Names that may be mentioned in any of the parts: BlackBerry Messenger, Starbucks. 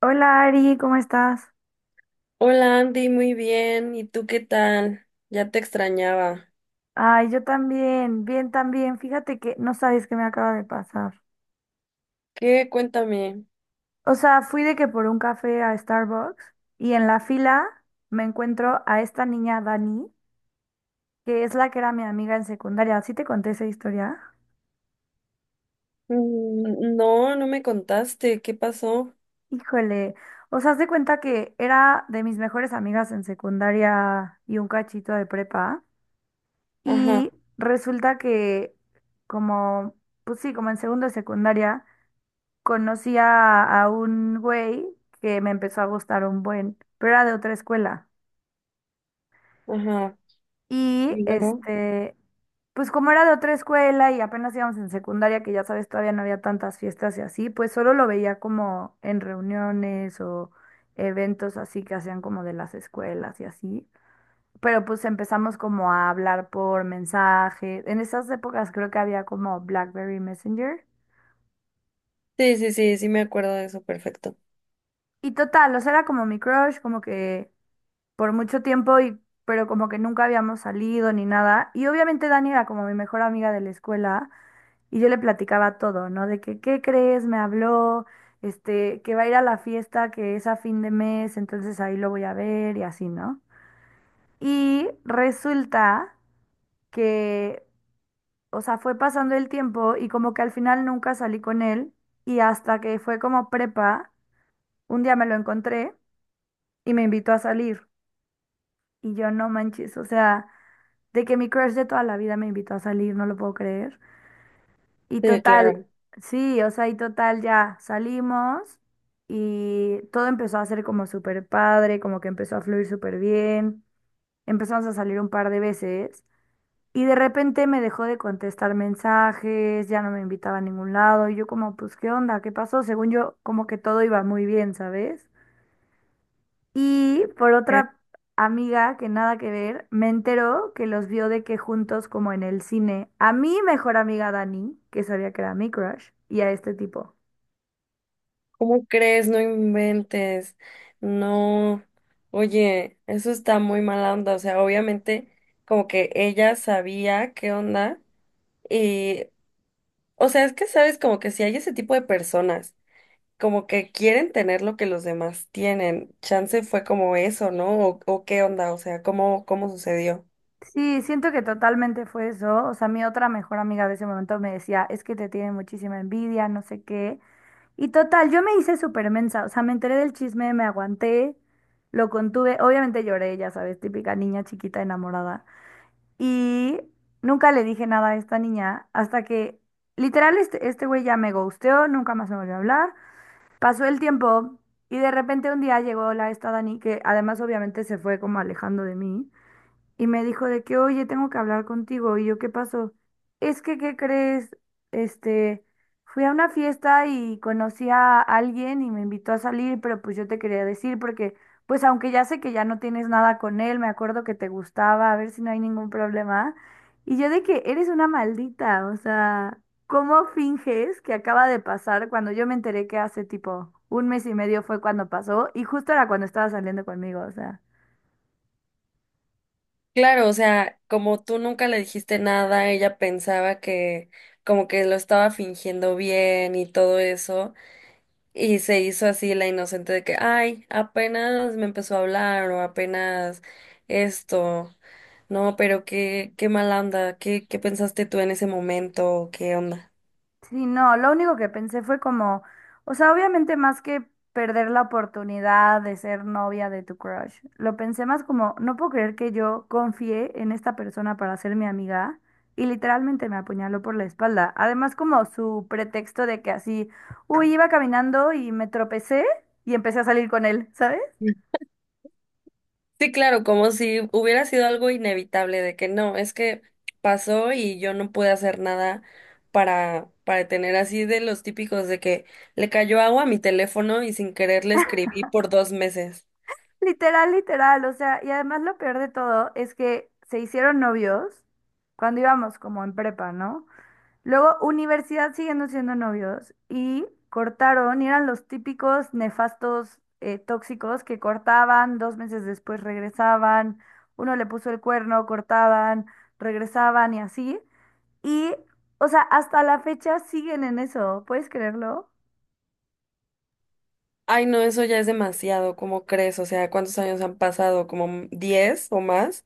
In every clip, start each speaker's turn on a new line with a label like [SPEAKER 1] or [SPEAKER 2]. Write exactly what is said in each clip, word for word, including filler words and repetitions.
[SPEAKER 1] Hola Ari, ¿cómo estás?
[SPEAKER 2] Hola Andy, muy bien. ¿Y tú qué tal? Ya te extrañaba.
[SPEAKER 1] Ay, yo también, bien también. Fíjate que no sabes qué me acaba de pasar.
[SPEAKER 2] ¿Qué? Cuéntame.
[SPEAKER 1] O sea, fui de que por un café a Starbucks y en la fila me encuentro a esta niña Dani, que es la que era mi amiga en secundaria. ¿Sí te conté esa historia?
[SPEAKER 2] Mm, no, no me contaste. ¿Qué pasó?
[SPEAKER 1] Híjole, o sea, haz de cuenta que era de mis mejores amigas en secundaria y un cachito de prepa.
[SPEAKER 2] Ajá,
[SPEAKER 1] Y resulta que como, pues sí, como en segundo de secundaria. Conocí a, a un güey que me empezó a gustar un buen, pero era de otra escuela.
[SPEAKER 2] ajá.
[SPEAKER 1] Y
[SPEAKER 2] ¿Y luego?
[SPEAKER 1] este, pues como era de otra escuela y apenas íbamos en secundaria, que ya sabes, todavía no había tantas fiestas y así, pues solo lo veía como en reuniones o eventos así que hacían como de las escuelas y así. Pero pues empezamos como a hablar por mensaje. En esas épocas creo que había como BlackBerry Messenger.
[SPEAKER 2] Sí, sí, sí, sí me acuerdo de eso, perfecto.
[SPEAKER 1] Y total, o sea, era como mi crush, como que por mucho tiempo y pero como que nunca habíamos salido ni nada. Y obviamente Dani era como mi mejor amiga de la escuela y yo le platicaba todo, ¿no? De que, ¿qué crees? Me habló, este, que va a ir a la fiesta que es a fin de mes, entonces ahí lo voy a ver y así, ¿no? Y resulta que, o sea, fue pasando el tiempo y como que al final nunca salí con él y hasta que fue como prepa, un día me lo encontré y me invitó a salir y yo no manches, o sea... De que mi crush de toda la vida me invitó a salir, no lo puedo creer. Y
[SPEAKER 2] Sí, claro.
[SPEAKER 1] total, sí, o sea, y total ya salimos y todo empezó a ser como súper padre, como que empezó a fluir súper bien. Empezamos a salir un par de veces y de repente me dejó de contestar mensajes, ya no me invitaba a ningún lado. Y yo como, pues, ¿qué onda? ¿Qué pasó? Según yo, como que todo iba muy bien, ¿sabes? Y por
[SPEAKER 2] Eh,
[SPEAKER 1] otra amiga que nada que ver, me enteró que los vio de que juntos como en el cine, a mi mejor amiga Dani, que sabía que era mi crush, y a este tipo.
[SPEAKER 2] ¿Cómo crees? No inventes. No. Oye, eso está muy mala onda. O sea, obviamente como que ella sabía qué onda y, o sea, es que sabes como que si hay ese tipo de personas como que quieren tener lo que los demás tienen. Chance fue como eso, ¿no? O, o qué onda, o sea, ¿cómo, cómo sucedió?
[SPEAKER 1] Sí, siento que totalmente fue eso. O sea, mi otra mejor amiga de ese momento me decía, es que te tiene muchísima envidia, no sé qué. Y total, yo me hice súper mensa, o sea, me enteré del chisme, me aguanté, lo contuve, obviamente lloré, ya sabes, típica niña chiquita enamorada. Y nunca le dije nada a esta niña hasta que literal este, este güey ya me ghosteó, nunca más me volvió a hablar. Pasó el tiempo y de repente un día llegó la esta Dani que además obviamente se fue como alejando de mí y me dijo de que, oye, tengo que hablar contigo. Y yo, ¿qué pasó? Es que, ¿qué crees? Este, fui a una fiesta y conocí a alguien y me invitó a salir, pero pues yo te quería decir porque, pues aunque ya sé que ya no tienes nada con él, me acuerdo que te gustaba, a ver si no hay ningún problema. Y yo de que eres una maldita, o sea, ¿cómo finges que acaba de pasar cuando yo me enteré que hace tipo un mes y medio fue cuando pasó y justo era cuando estaba saliendo conmigo, o sea.
[SPEAKER 2] Claro, o sea, como tú nunca le dijiste nada, ella pensaba que como que lo estaba fingiendo bien y todo eso, y se hizo así la inocente de que, ay, apenas me empezó a hablar o apenas esto. No, pero qué, qué mala onda, ¿qué, qué pensaste tú en ese momento? ¿Qué onda?
[SPEAKER 1] Sí, no, lo único que pensé fue como, o sea, obviamente más que perder la oportunidad de ser novia de tu crush, lo pensé más como, no puedo creer que yo confié en esta persona para ser mi amiga y literalmente me apuñaló por la espalda. Además, como su pretexto de que así, uy, iba caminando y me tropecé y empecé a salir con él, ¿sabes?
[SPEAKER 2] Sí, claro, como si hubiera sido algo inevitable de que no, es que pasó y yo no pude hacer nada para para detener así de los típicos de que le cayó agua a mi teléfono y sin querer le escribí por dos meses.
[SPEAKER 1] Literal, literal, o sea, y además lo peor de todo es que se hicieron novios cuando íbamos como en prepa, ¿no? Luego, universidad siguiendo siendo novios y cortaron y eran los típicos nefastos eh, tóxicos que cortaban, dos meses después regresaban, uno le puso el cuerno, cortaban, regresaban y así. Y, o sea, hasta la fecha siguen en eso, ¿puedes creerlo?
[SPEAKER 2] Ay, no, eso ya es demasiado, ¿cómo crees? O sea, ¿cuántos años han pasado? ¿Como diez o más?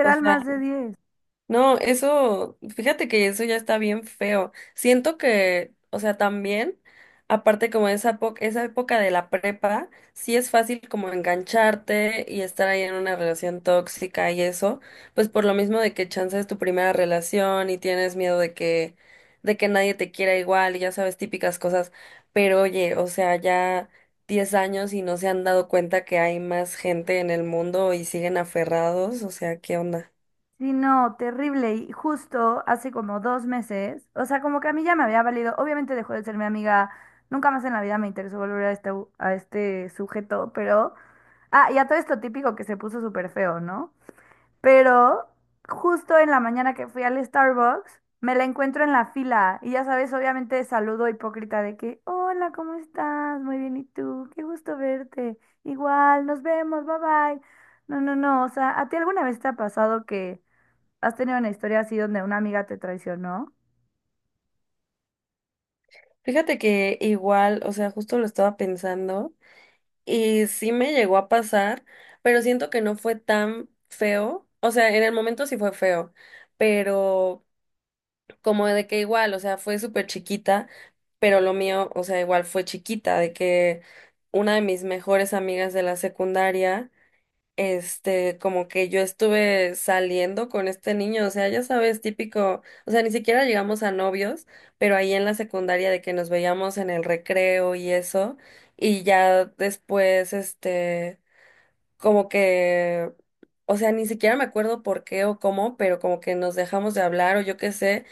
[SPEAKER 2] O sea,
[SPEAKER 1] más de diez.
[SPEAKER 2] no, eso, fíjate que eso ya está bien feo. Siento que, o sea, también, aparte como esa, po- esa época de la prepa, sí es fácil como engancharte y estar ahí en una relación tóxica y eso, pues por lo mismo de que chance es tu primera relación y tienes miedo de que, de que nadie te quiera igual y ya sabes, típicas cosas. Pero oye, o sea, ya diez años y no se han dado cuenta que hay más gente en el mundo y siguen aferrados, o sea, ¿qué onda?
[SPEAKER 1] Sí, no, terrible. Y justo hace como dos meses, o sea, como que a mí ya me había valido, obviamente dejó de ser mi amiga, nunca más en la vida me interesó volver a este, a este sujeto, pero... Ah, y a todo esto típico que se puso súper feo, ¿no? Pero justo en la mañana que fui al Starbucks, me la encuentro en la fila y ya sabes, obviamente saludo hipócrita de que, hola, ¿cómo estás? Muy bien, ¿y tú? Qué gusto verte. Igual, nos vemos, bye bye. No, no, no, o sea, ¿a ti alguna vez te ha pasado que has tenido una historia así donde una amiga te traicionó?
[SPEAKER 2] Fíjate que igual, o sea, justo lo estaba pensando y sí me llegó a pasar, pero siento que no fue tan feo. O sea, en el momento sí fue feo, pero como de que igual, o sea, fue súper chiquita, pero lo mío, o sea, igual fue chiquita, de que una de mis mejores amigas de la secundaria este, como que yo estuve saliendo con este niño, o sea, ya sabes, típico, o sea, ni siquiera llegamos a novios, pero ahí en la secundaria de que nos veíamos en el recreo y eso, y ya después, este, como que, o sea, ni siquiera me acuerdo por qué o cómo, pero como que nos dejamos de hablar o yo qué sé,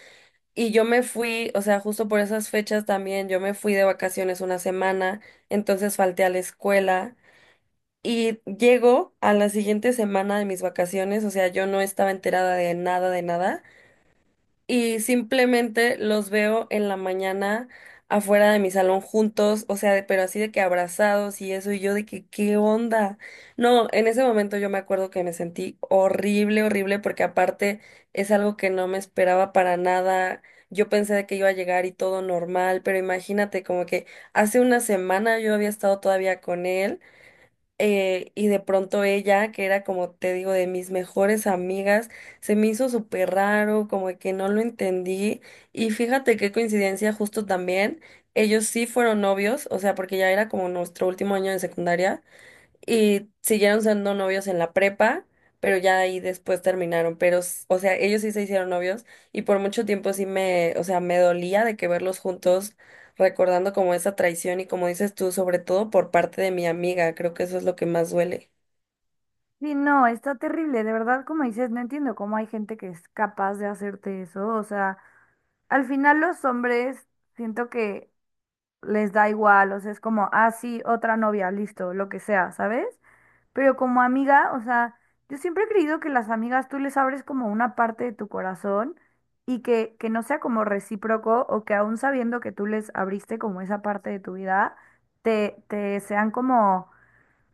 [SPEAKER 2] y yo me fui, o sea, justo por esas fechas también, yo me fui de vacaciones una semana, entonces falté a la escuela. Y llego a la siguiente semana de mis vacaciones, o sea, yo no estaba enterada de nada, de nada, y simplemente los veo en la mañana afuera de mi salón juntos, o sea, de- pero así de que abrazados y eso, y yo de que, ¿qué onda? No, en ese momento yo me acuerdo que me sentí horrible, horrible, porque aparte es algo que no me esperaba para nada. Yo pensé de que iba a llegar y todo normal, pero imagínate como que hace una semana yo había estado todavía con él eh, y de pronto ella, que era como te digo, de mis mejores amigas, se me hizo súper raro, como que no lo entendí. Y fíjate qué coincidencia, justo también, ellos sí fueron novios, o sea, porque ya era como nuestro último año de secundaria. Y siguieron siendo novios en la prepa, pero ya ahí después terminaron. Pero, s- o sea, ellos sí se hicieron novios y por mucho tiempo sí me, o sea, me dolía de que verlos juntos, recordando como esa traición y como dices tú, sobre todo por parte de mi amiga, creo que eso es lo que más duele.
[SPEAKER 1] Sí, no, está terrible, de verdad, como dices, no entiendo cómo hay gente que es capaz de hacerte eso, o sea, al final los hombres siento que les da igual, o sea, es como, ah, sí, otra novia, listo, lo que sea, ¿sabes? Pero como amiga, o sea, yo siempre he creído que las amigas tú les abres como una parte de tu corazón y que, que no sea como recíproco o que aún sabiendo que tú les abriste como esa parte de tu vida, te, te sean como,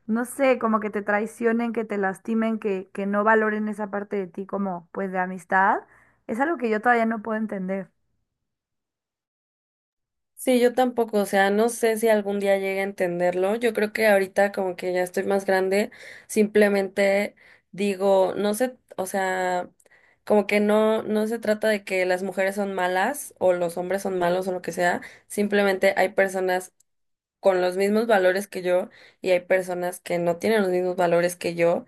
[SPEAKER 1] no sé, como que te traicionen, que te lastimen, que, que no valoren esa parte de ti como pues de amistad, es algo que yo todavía no puedo entender.
[SPEAKER 2] Sí, yo tampoco, o sea, no sé si algún día llegue a entenderlo. Yo creo que ahorita como que ya estoy más grande, simplemente digo, no sé, o sea, como que no, no se trata de que las mujeres son malas o los hombres son malos o lo que sea, simplemente hay personas con los mismos valores que yo y hay personas que no tienen los mismos valores que yo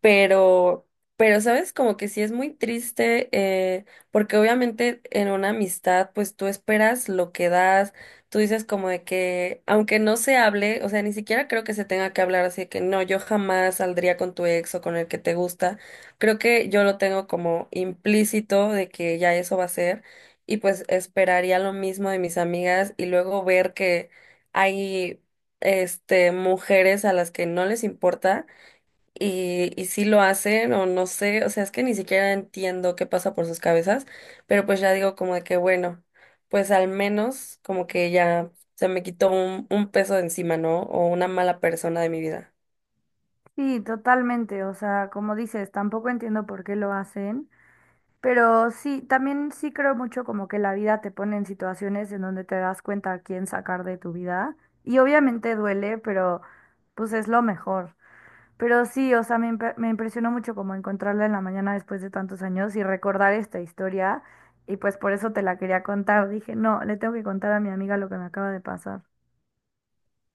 [SPEAKER 2] pero, pero, sabes, como que sí es muy triste, eh, porque obviamente en una amistad, pues tú esperas lo que das, tú dices como de que, aunque no se hable, o sea, ni siquiera creo que se tenga que hablar así de que no, yo jamás saldría con tu ex o con el que te gusta, creo que yo lo tengo como implícito de que ya eso va a ser, y pues esperaría lo mismo de mis amigas y luego ver que hay, este, mujeres a las que no les importa y, y sí lo hacen o no sé, o sea, es que ni siquiera entiendo qué pasa por sus cabezas, pero pues ya digo como de que bueno, pues al menos como que ya se me quitó un, un peso de encima, ¿no? O una mala persona de mi vida.
[SPEAKER 1] Sí, totalmente. O sea, como dices, tampoco entiendo por qué lo hacen, pero sí, también sí creo mucho como que la vida te pone en situaciones en donde te das cuenta a quién sacar de tu vida. Y obviamente duele, pero pues es lo mejor. Pero sí, o sea, me, impre- me impresionó mucho como encontrarla en la mañana después de tantos años y recordar esta historia. Y pues por eso te la quería contar. Dije, no, le tengo que contar a mi amiga lo que me acaba de pasar.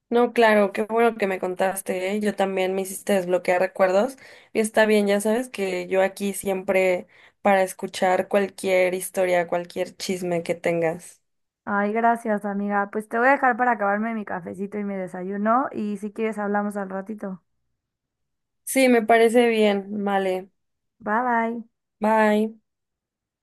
[SPEAKER 2] No, claro, qué bueno que me contaste, ¿eh? Yo también me hiciste desbloquear recuerdos y está bien, ya sabes que yo aquí siempre para escuchar cualquier historia, cualquier chisme que tengas.
[SPEAKER 1] Ay, gracias, amiga. Pues te voy a dejar para acabarme mi cafecito y mi desayuno y si quieres hablamos al ratito.
[SPEAKER 2] Sí, me parece bien, vale,
[SPEAKER 1] Bye bye.
[SPEAKER 2] bye.